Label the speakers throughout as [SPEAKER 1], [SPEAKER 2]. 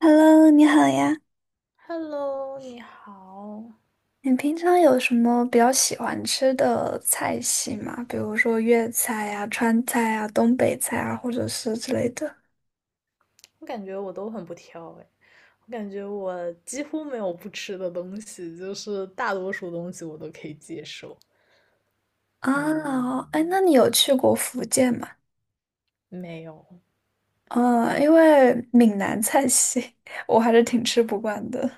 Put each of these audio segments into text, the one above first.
[SPEAKER 1] Hello，你好呀。
[SPEAKER 2] Hello，你好。
[SPEAKER 1] 你平常有什么比较喜欢吃的菜系吗？比如说粤菜呀、川菜啊、东北菜啊，或者是之类的。
[SPEAKER 2] 我感觉我都很不挑哎，我感觉我几乎没有不吃的东西，就是大多数东西我都可以接受。嗯，
[SPEAKER 1] 啊，哎，那你有去过福建吗？
[SPEAKER 2] 没有。
[SPEAKER 1] 嗯，因为闽南菜系 我还是挺吃不惯的。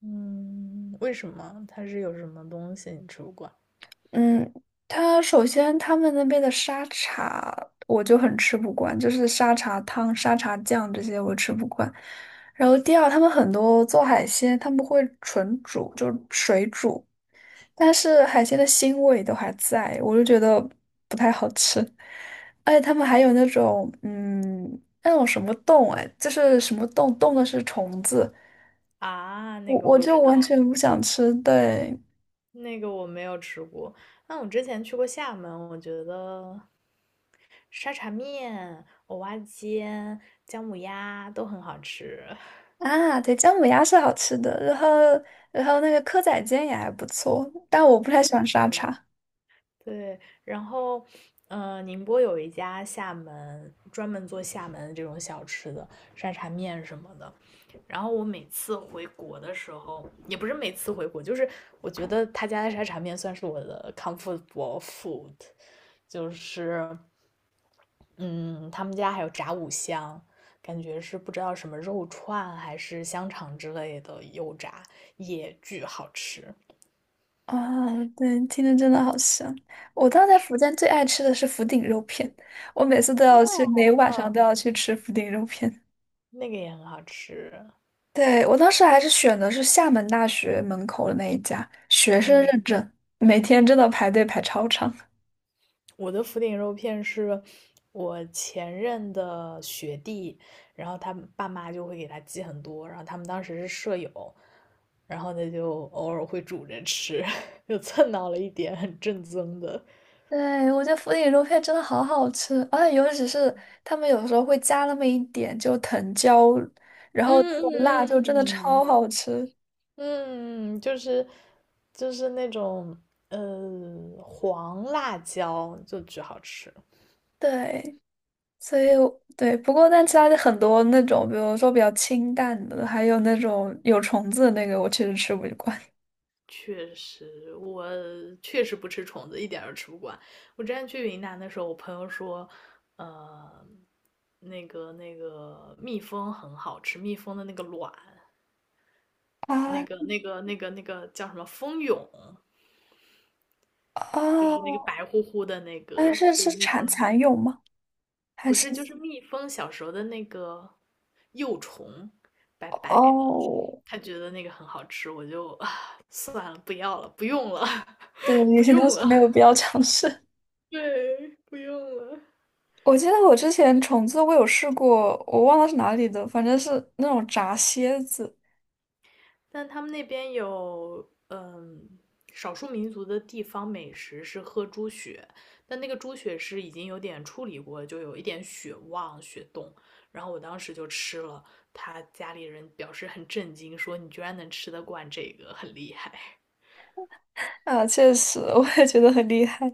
[SPEAKER 2] 嗯，为什么？它是有什么东西你吃不惯？
[SPEAKER 1] 嗯，首先他们那边的沙茶我就很吃不惯，就是沙茶汤、沙茶酱这些我吃不惯。然后第二，他们很多做海鲜，他们会纯煮，就是水煮，但是海鲜的腥味都还在，我就觉得不太好吃。而且他们还有那种，那种什么冻，哎，就是什么冻，冻的是虫子，
[SPEAKER 2] 啊，那
[SPEAKER 1] 我
[SPEAKER 2] 个
[SPEAKER 1] 我
[SPEAKER 2] 我
[SPEAKER 1] 就
[SPEAKER 2] 知
[SPEAKER 1] 完
[SPEAKER 2] 道，
[SPEAKER 1] 全不想吃，对。
[SPEAKER 2] 那个我没有吃过。那我之前去过厦门，我觉得沙茶面、蚵仔煎、姜母鸭都很好吃。
[SPEAKER 1] 啊，对，姜母鸭是好吃的，然后那个蚵仔煎也还不错，但我不太喜欢沙 茶。
[SPEAKER 2] 对，然后，宁波有一家厦门专门做厦门这种小吃的沙茶面什么的。然后我每次回国的时候，也不是每次回国，就是我觉得他家的沙茶面算是我的 comfortable food，就是嗯，他们家还有炸五香，感觉是不知道什么肉串还是香肠之类的油炸，也巨好吃。
[SPEAKER 1] 啊，对，听着真的好香。我当时在福建最爱吃的是福鼎肉片，我每次都要去，每
[SPEAKER 2] 哦
[SPEAKER 1] 晚上都
[SPEAKER 2] 嗯，
[SPEAKER 1] 要去吃福鼎肉片。
[SPEAKER 2] 那个也很好吃。
[SPEAKER 1] 对，我当时还是选的是厦门大学门口的那一家，学生
[SPEAKER 2] 嗯。
[SPEAKER 1] 认证，每天真的排队排超长。
[SPEAKER 2] 我的福鼎肉片是我前任的学弟，然后他爸妈就会给他寄很多，然后他们当时是舍友，然后他就偶尔会煮着吃，就蹭到了一点很正宗的。
[SPEAKER 1] 对，我觉得福鼎肉片真的好好吃，而且尤其是他们有时候会加那么一点就藤椒，然
[SPEAKER 2] 嗯
[SPEAKER 1] 后那个辣就
[SPEAKER 2] 嗯
[SPEAKER 1] 真的超
[SPEAKER 2] 嗯
[SPEAKER 1] 好吃。
[SPEAKER 2] 嗯嗯，就是就是那种黄辣椒就巨好吃。
[SPEAKER 1] 对，所以我对，不过但其他的很多那种，比如说比较清淡的，还有那种有虫子的那个，我确实吃不惯。
[SPEAKER 2] 确实，我确实不吃虫子，一点儿都吃不惯。我之前去云南的时候，我朋友说，呃，那个蜜蜂很好吃，蜜蜂的那个卵，那
[SPEAKER 1] 啊
[SPEAKER 2] 个那个那个那个叫什么蜂蛹，就是那个
[SPEAKER 1] 哦，
[SPEAKER 2] 白乎乎的那
[SPEAKER 1] 但
[SPEAKER 2] 个，
[SPEAKER 1] 是
[SPEAKER 2] 就
[SPEAKER 1] 是
[SPEAKER 2] 是蜜
[SPEAKER 1] 蚕
[SPEAKER 2] 蜂，
[SPEAKER 1] 蚕蛹吗？还
[SPEAKER 2] 不
[SPEAKER 1] 是
[SPEAKER 2] 是就是蜜蜂小时候的那个幼虫，白白的，
[SPEAKER 1] 哦，
[SPEAKER 2] 他觉得那个很好吃，我就算了，不要了，不用了，
[SPEAKER 1] 对，有
[SPEAKER 2] 不
[SPEAKER 1] 些东
[SPEAKER 2] 用
[SPEAKER 1] 西
[SPEAKER 2] 了，
[SPEAKER 1] 没有必要尝试。
[SPEAKER 2] 对，不用了。
[SPEAKER 1] 我记得我之前虫子我有试过，我忘了是哪里的，反正是那种炸蝎子
[SPEAKER 2] 但他们那边有，少数民族的地方美食是喝猪血，但那个猪血是已经有点处理过，就有一点血旺、血冻。然后我当时就吃了，他家里人表示很震惊，说你居然能吃得惯这个，很厉害。
[SPEAKER 1] 啊，确实 我也觉得很厉害。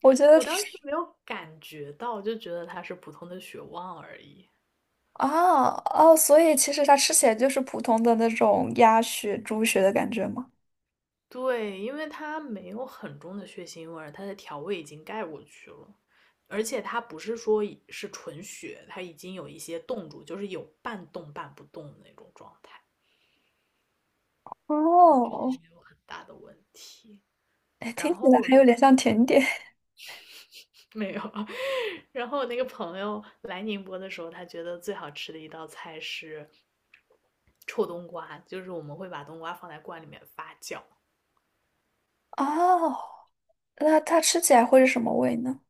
[SPEAKER 1] 我觉 得
[SPEAKER 2] 我当时没有感觉到，就觉得它是普通的血旺而已。
[SPEAKER 1] 啊哦，所以其实它吃起来就是普通的那种鸭血、猪血的感觉吗？
[SPEAKER 2] 对，因为它没有很重的血腥味儿，它的调味已经盖过去了，而且它不是说已是纯血，它已经有一些冻住，就是有半冻半不动的那种状态，我觉得
[SPEAKER 1] 哦，
[SPEAKER 2] 没有很大的问题。
[SPEAKER 1] 哎，听
[SPEAKER 2] 然
[SPEAKER 1] 起来
[SPEAKER 2] 后
[SPEAKER 1] 还有点像甜点
[SPEAKER 2] 没有，然后我那个朋友来宁波的时候，他觉得最好吃的一道菜是臭冬瓜，就是我们会把冬瓜放在罐里面发酵，
[SPEAKER 1] 哦 那它吃起来会是什么味呢？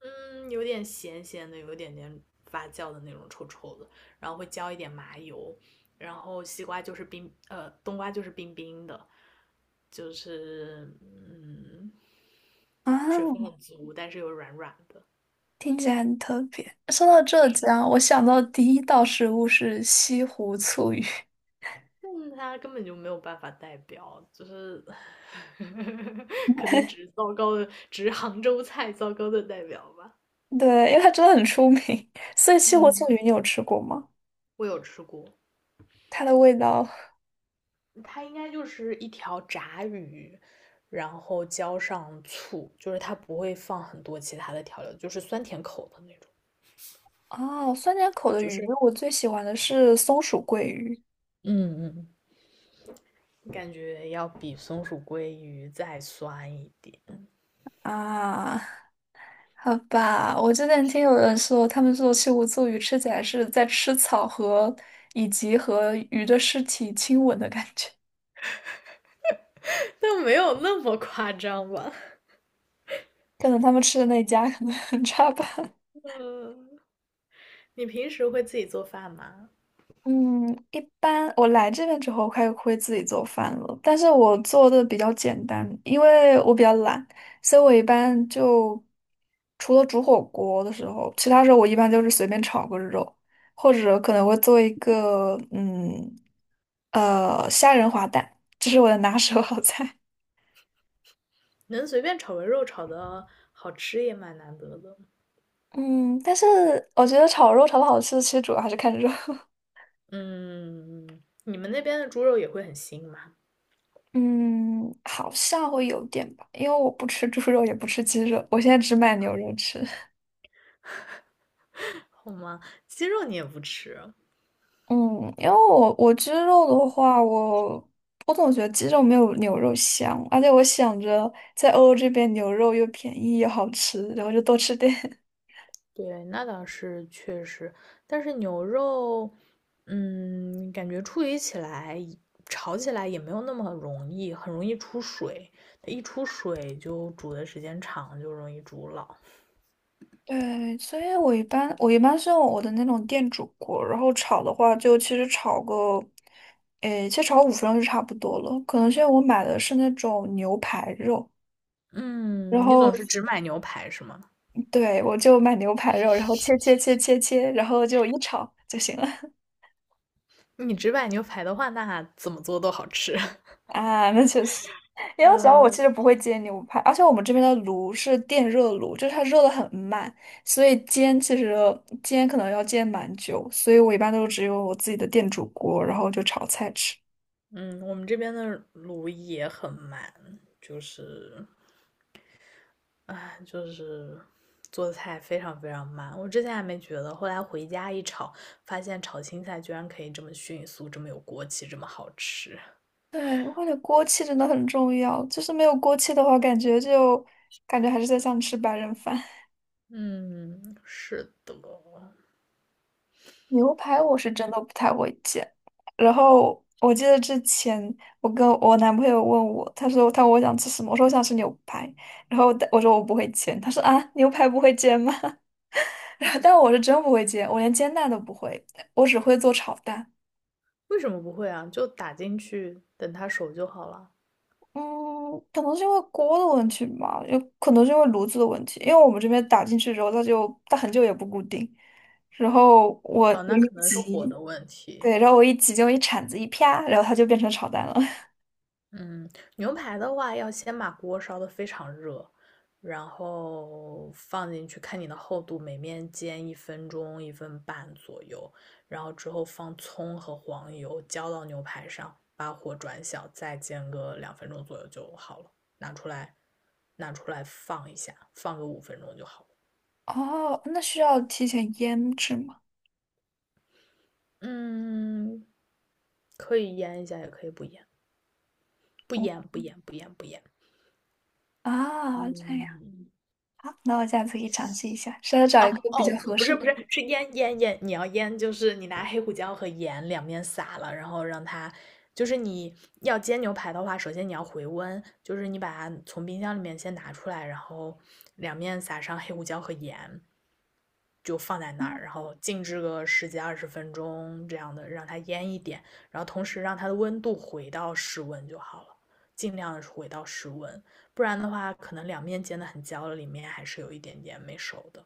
[SPEAKER 2] 嗯，有点咸咸的，有一点点发酵的那种臭臭的，然后会浇一点麻油，然后西瓜就是冰，冬瓜就是冰冰的，就是嗯，水分
[SPEAKER 1] 啊，
[SPEAKER 2] 很足，但是又软软的。
[SPEAKER 1] 听起来很特别。说到浙江，我想到第一道食物是西湖醋鱼。
[SPEAKER 2] 但它根本就没有办法代表，就是 可能只是糟糕的，只是杭州菜糟糕的代表吧。
[SPEAKER 1] 对，因为它真的很出名，所以西湖庆
[SPEAKER 2] 嗯，
[SPEAKER 1] 鱼你有吃过吗？
[SPEAKER 2] 我有吃过，
[SPEAKER 1] 它的味道
[SPEAKER 2] 它应该就是一条炸鱼，然后浇上醋，就是它不会放很多其他的调料，就是酸甜口的那种，
[SPEAKER 1] 哦，酸甜口的
[SPEAKER 2] 就
[SPEAKER 1] 鱼，
[SPEAKER 2] 是
[SPEAKER 1] 我最喜欢的是松鼠桂鱼
[SPEAKER 2] 嗯嗯，感觉要比松鼠鲑鱼再酸一点，
[SPEAKER 1] 啊。好吧，我之前听有人说，他们说西湖醋鱼吃起来是在吃草和以及和鱼的尸体亲吻的感觉，
[SPEAKER 2] 但没有那么夸张吧？
[SPEAKER 1] 可能他们吃的那一家可能 很差吧。
[SPEAKER 2] 呃，你平时会自己做饭吗？
[SPEAKER 1] 嗯，一般我来这边之后开始会自己做饭了，但是我做的比较简单，因为我比较懒，所以我一般就除了煮火锅的时候，其他时候我一般就是随便炒个肉，或者可能会做一个虾仁滑蛋，这是我的拿手好菜。
[SPEAKER 2] 能随便炒个肉炒的好吃也蛮难得的。
[SPEAKER 1] 嗯，但是我觉得炒肉炒的好吃，其实主要还是看肉。
[SPEAKER 2] 嗯，你们那边的猪肉也会很腥吗？
[SPEAKER 1] 嗯，好像会有点吧，因为我不吃猪肉，也不吃鸡肉，我现在只买牛肉吃。
[SPEAKER 2] 好吗？鸡肉你也不吃？
[SPEAKER 1] 嗯，因为我鸡肉的话，我我总觉得鸡肉没有牛肉香，而且我想着在欧洲这边牛肉又便宜又好吃，然后就多吃点。
[SPEAKER 2] 对，那倒是确实，但是牛肉，嗯，感觉处理起来、炒起来也没有那么容易，很容易出水。它一出水就煮的时间长，就容易煮老。
[SPEAKER 1] 对，所以我一般是用我的那种电煮锅，然后炒的话就其实炒个，诶，其实炒五分钟就差不多了。可能是因为我买的是那种牛排肉，然
[SPEAKER 2] 嗯，你
[SPEAKER 1] 后
[SPEAKER 2] 总是只买牛排是吗？
[SPEAKER 1] 对我就买牛排肉，然后切，然后就一炒就行了。
[SPEAKER 2] 你只买牛排的话，那怎么做都好吃。
[SPEAKER 1] 啊，那确实，因为主要我其
[SPEAKER 2] 嗯
[SPEAKER 1] 实不会煎牛排，而且我们这边的炉是电热炉，就是它热的很慢，所以煎其实可能要煎蛮久，所以我一般都只有我自己的电煮锅，然后就炒菜吃。
[SPEAKER 2] 嗯，我们这边的卤也很慢，就是就是做菜非常非常慢。我之前还没觉得，后来回家一炒，发现炒青菜居然可以这么迅速，这么有锅气，这么好吃。
[SPEAKER 1] 对，我感觉锅气真的很重要，就是没有锅气的话，感觉还是在像吃白人饭。
[SPEAKER 2] 嗯，是的。
[SPEAKER 1] 牛排我是真的不太会煎。然后我记得之前我跟我男朋友问我，他说他问我想吃什么，我说我想吃牛排，然后我说我不会煎，他说啊牛排不会煎吗？然后但我是真不会煎，我连煎蛋都不会，我只会做炒蛋。
[SPEAKER 2] 为什么不会啊？就打进去，等它熟就好了。
[SPEAKER 1] 嗯，可能是因为锅的问题吧，有可能是因为炉子的问题，因为我们这边打进去之后，它很久也不固定，然后我
[SPEAKER 2] 哦，
[SPEAKER 1] 我
[SPEAKER 2] 那
[SPEAKER 1] 一
[SPEAKER 2] 可能是火
[SPEAKER 1] 急，
[SPEAKER 2] 的问题。
[SPEAKER 1] 对，然后我一急就一铲子一啪，然后它就变成炒蛋了。
[SPEAKER 2] 嗯，牛排的话要先把锅烧得非常热，然后放进去，看你的厚度，每面煎1分钟、1分半左右，然后之后放葱和黄油浇到牛排上，把火转小，再煎个2分钟左右就好了。拿出来，拿出来放一下，放个5分钟就好了。
[SPEAKER 1] 哦，那需要提前腌制吗？
[SPEAKER 2] 嗯，可以腌一下，也可以不腌，不
[SPEAKER 1] 哦
[SPEAKER 2] 腌，不腌，不腌，不腌。
[SPEAKER 1] 啊，这样，
[SPEAKER 2] 嗯，
[SPEAKER 1] 好，那我下次可以尝试一下，是要找
[SPEAKER 2] 哦
[SPEAKER 1] 一个比较
[SPEAKER 2] 哦，
[SPEAKER 1] 合
[SPEAKER 2] 不
[SPEAKER 1] 适
[SPEAKER 2] 是不
[SPEAKER 1] 的
[SPEAKER 2] 是，
[SPEAKER 1] 度。
[SPEAKER 2] 是腌腌腌，你要腌就是你拿黑胡椒和盐两面撒了，然后让它，就是你要煎牛排的话，首先你要回温，就是你把它从冰箱里面先拿出来，然后两面撒上黑胡椒和盐，就放在那
[SPEAKER 1] 嗯
[SPEAKER 2] 儿，然后静置个十几二十分钟这样的，让它腌一点，然后同时让它的温度回到室温就好了，尽量的回到室温，不然的话可能两面煎的很焦了，里面还是有一点点没熟的。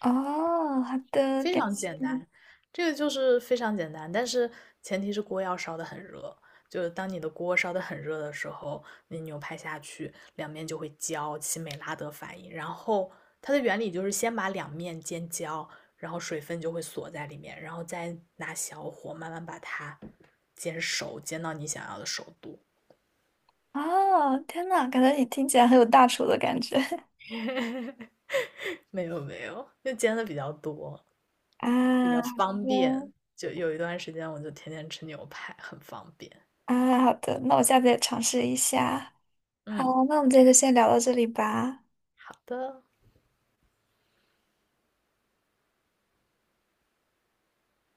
[SPEAKER 1] 哦，好的，
[SPEAKER 2] 非
[SPEAKER 1] 感
[SPEAKER 2] 常
[SPEAKER 1] 谢
[SPEAKER 2] 简
[SPEAKER 1] 你。
[SPEAKER 2] 单，这个就是非常简单，但是前提是锅要烧得很热。就是当你的锅烧得很热的时候，你牛排下去，两面就会焦，起美拉德反应。然后它的原理就是先把两面煎焦，然后水分就会锁在里面，然后再拿小火慢慢把它煎熟，煎到你想要的熟度。
[SPEAKER 1] 哦，天呐，感觉你听起来很有大厨的感觉
[SPEAKER 2] 没有没有，就煎的比较多，比较
[SPEAKER 1] 啊。好
[SPEAKER 2] 方便。
[SPEAKER 1] 的，
[SPEAKER 2] 就有一段时间我就天天吃牛排，很方便。
[SPEAKER 1] 啊，好的，那我下次也尝试一下。好，
[SPEAKER 2] 嗯，
[SPEAKER 1] 那我们这天先聊到这里吧。
[SPEAKER 2] 好的。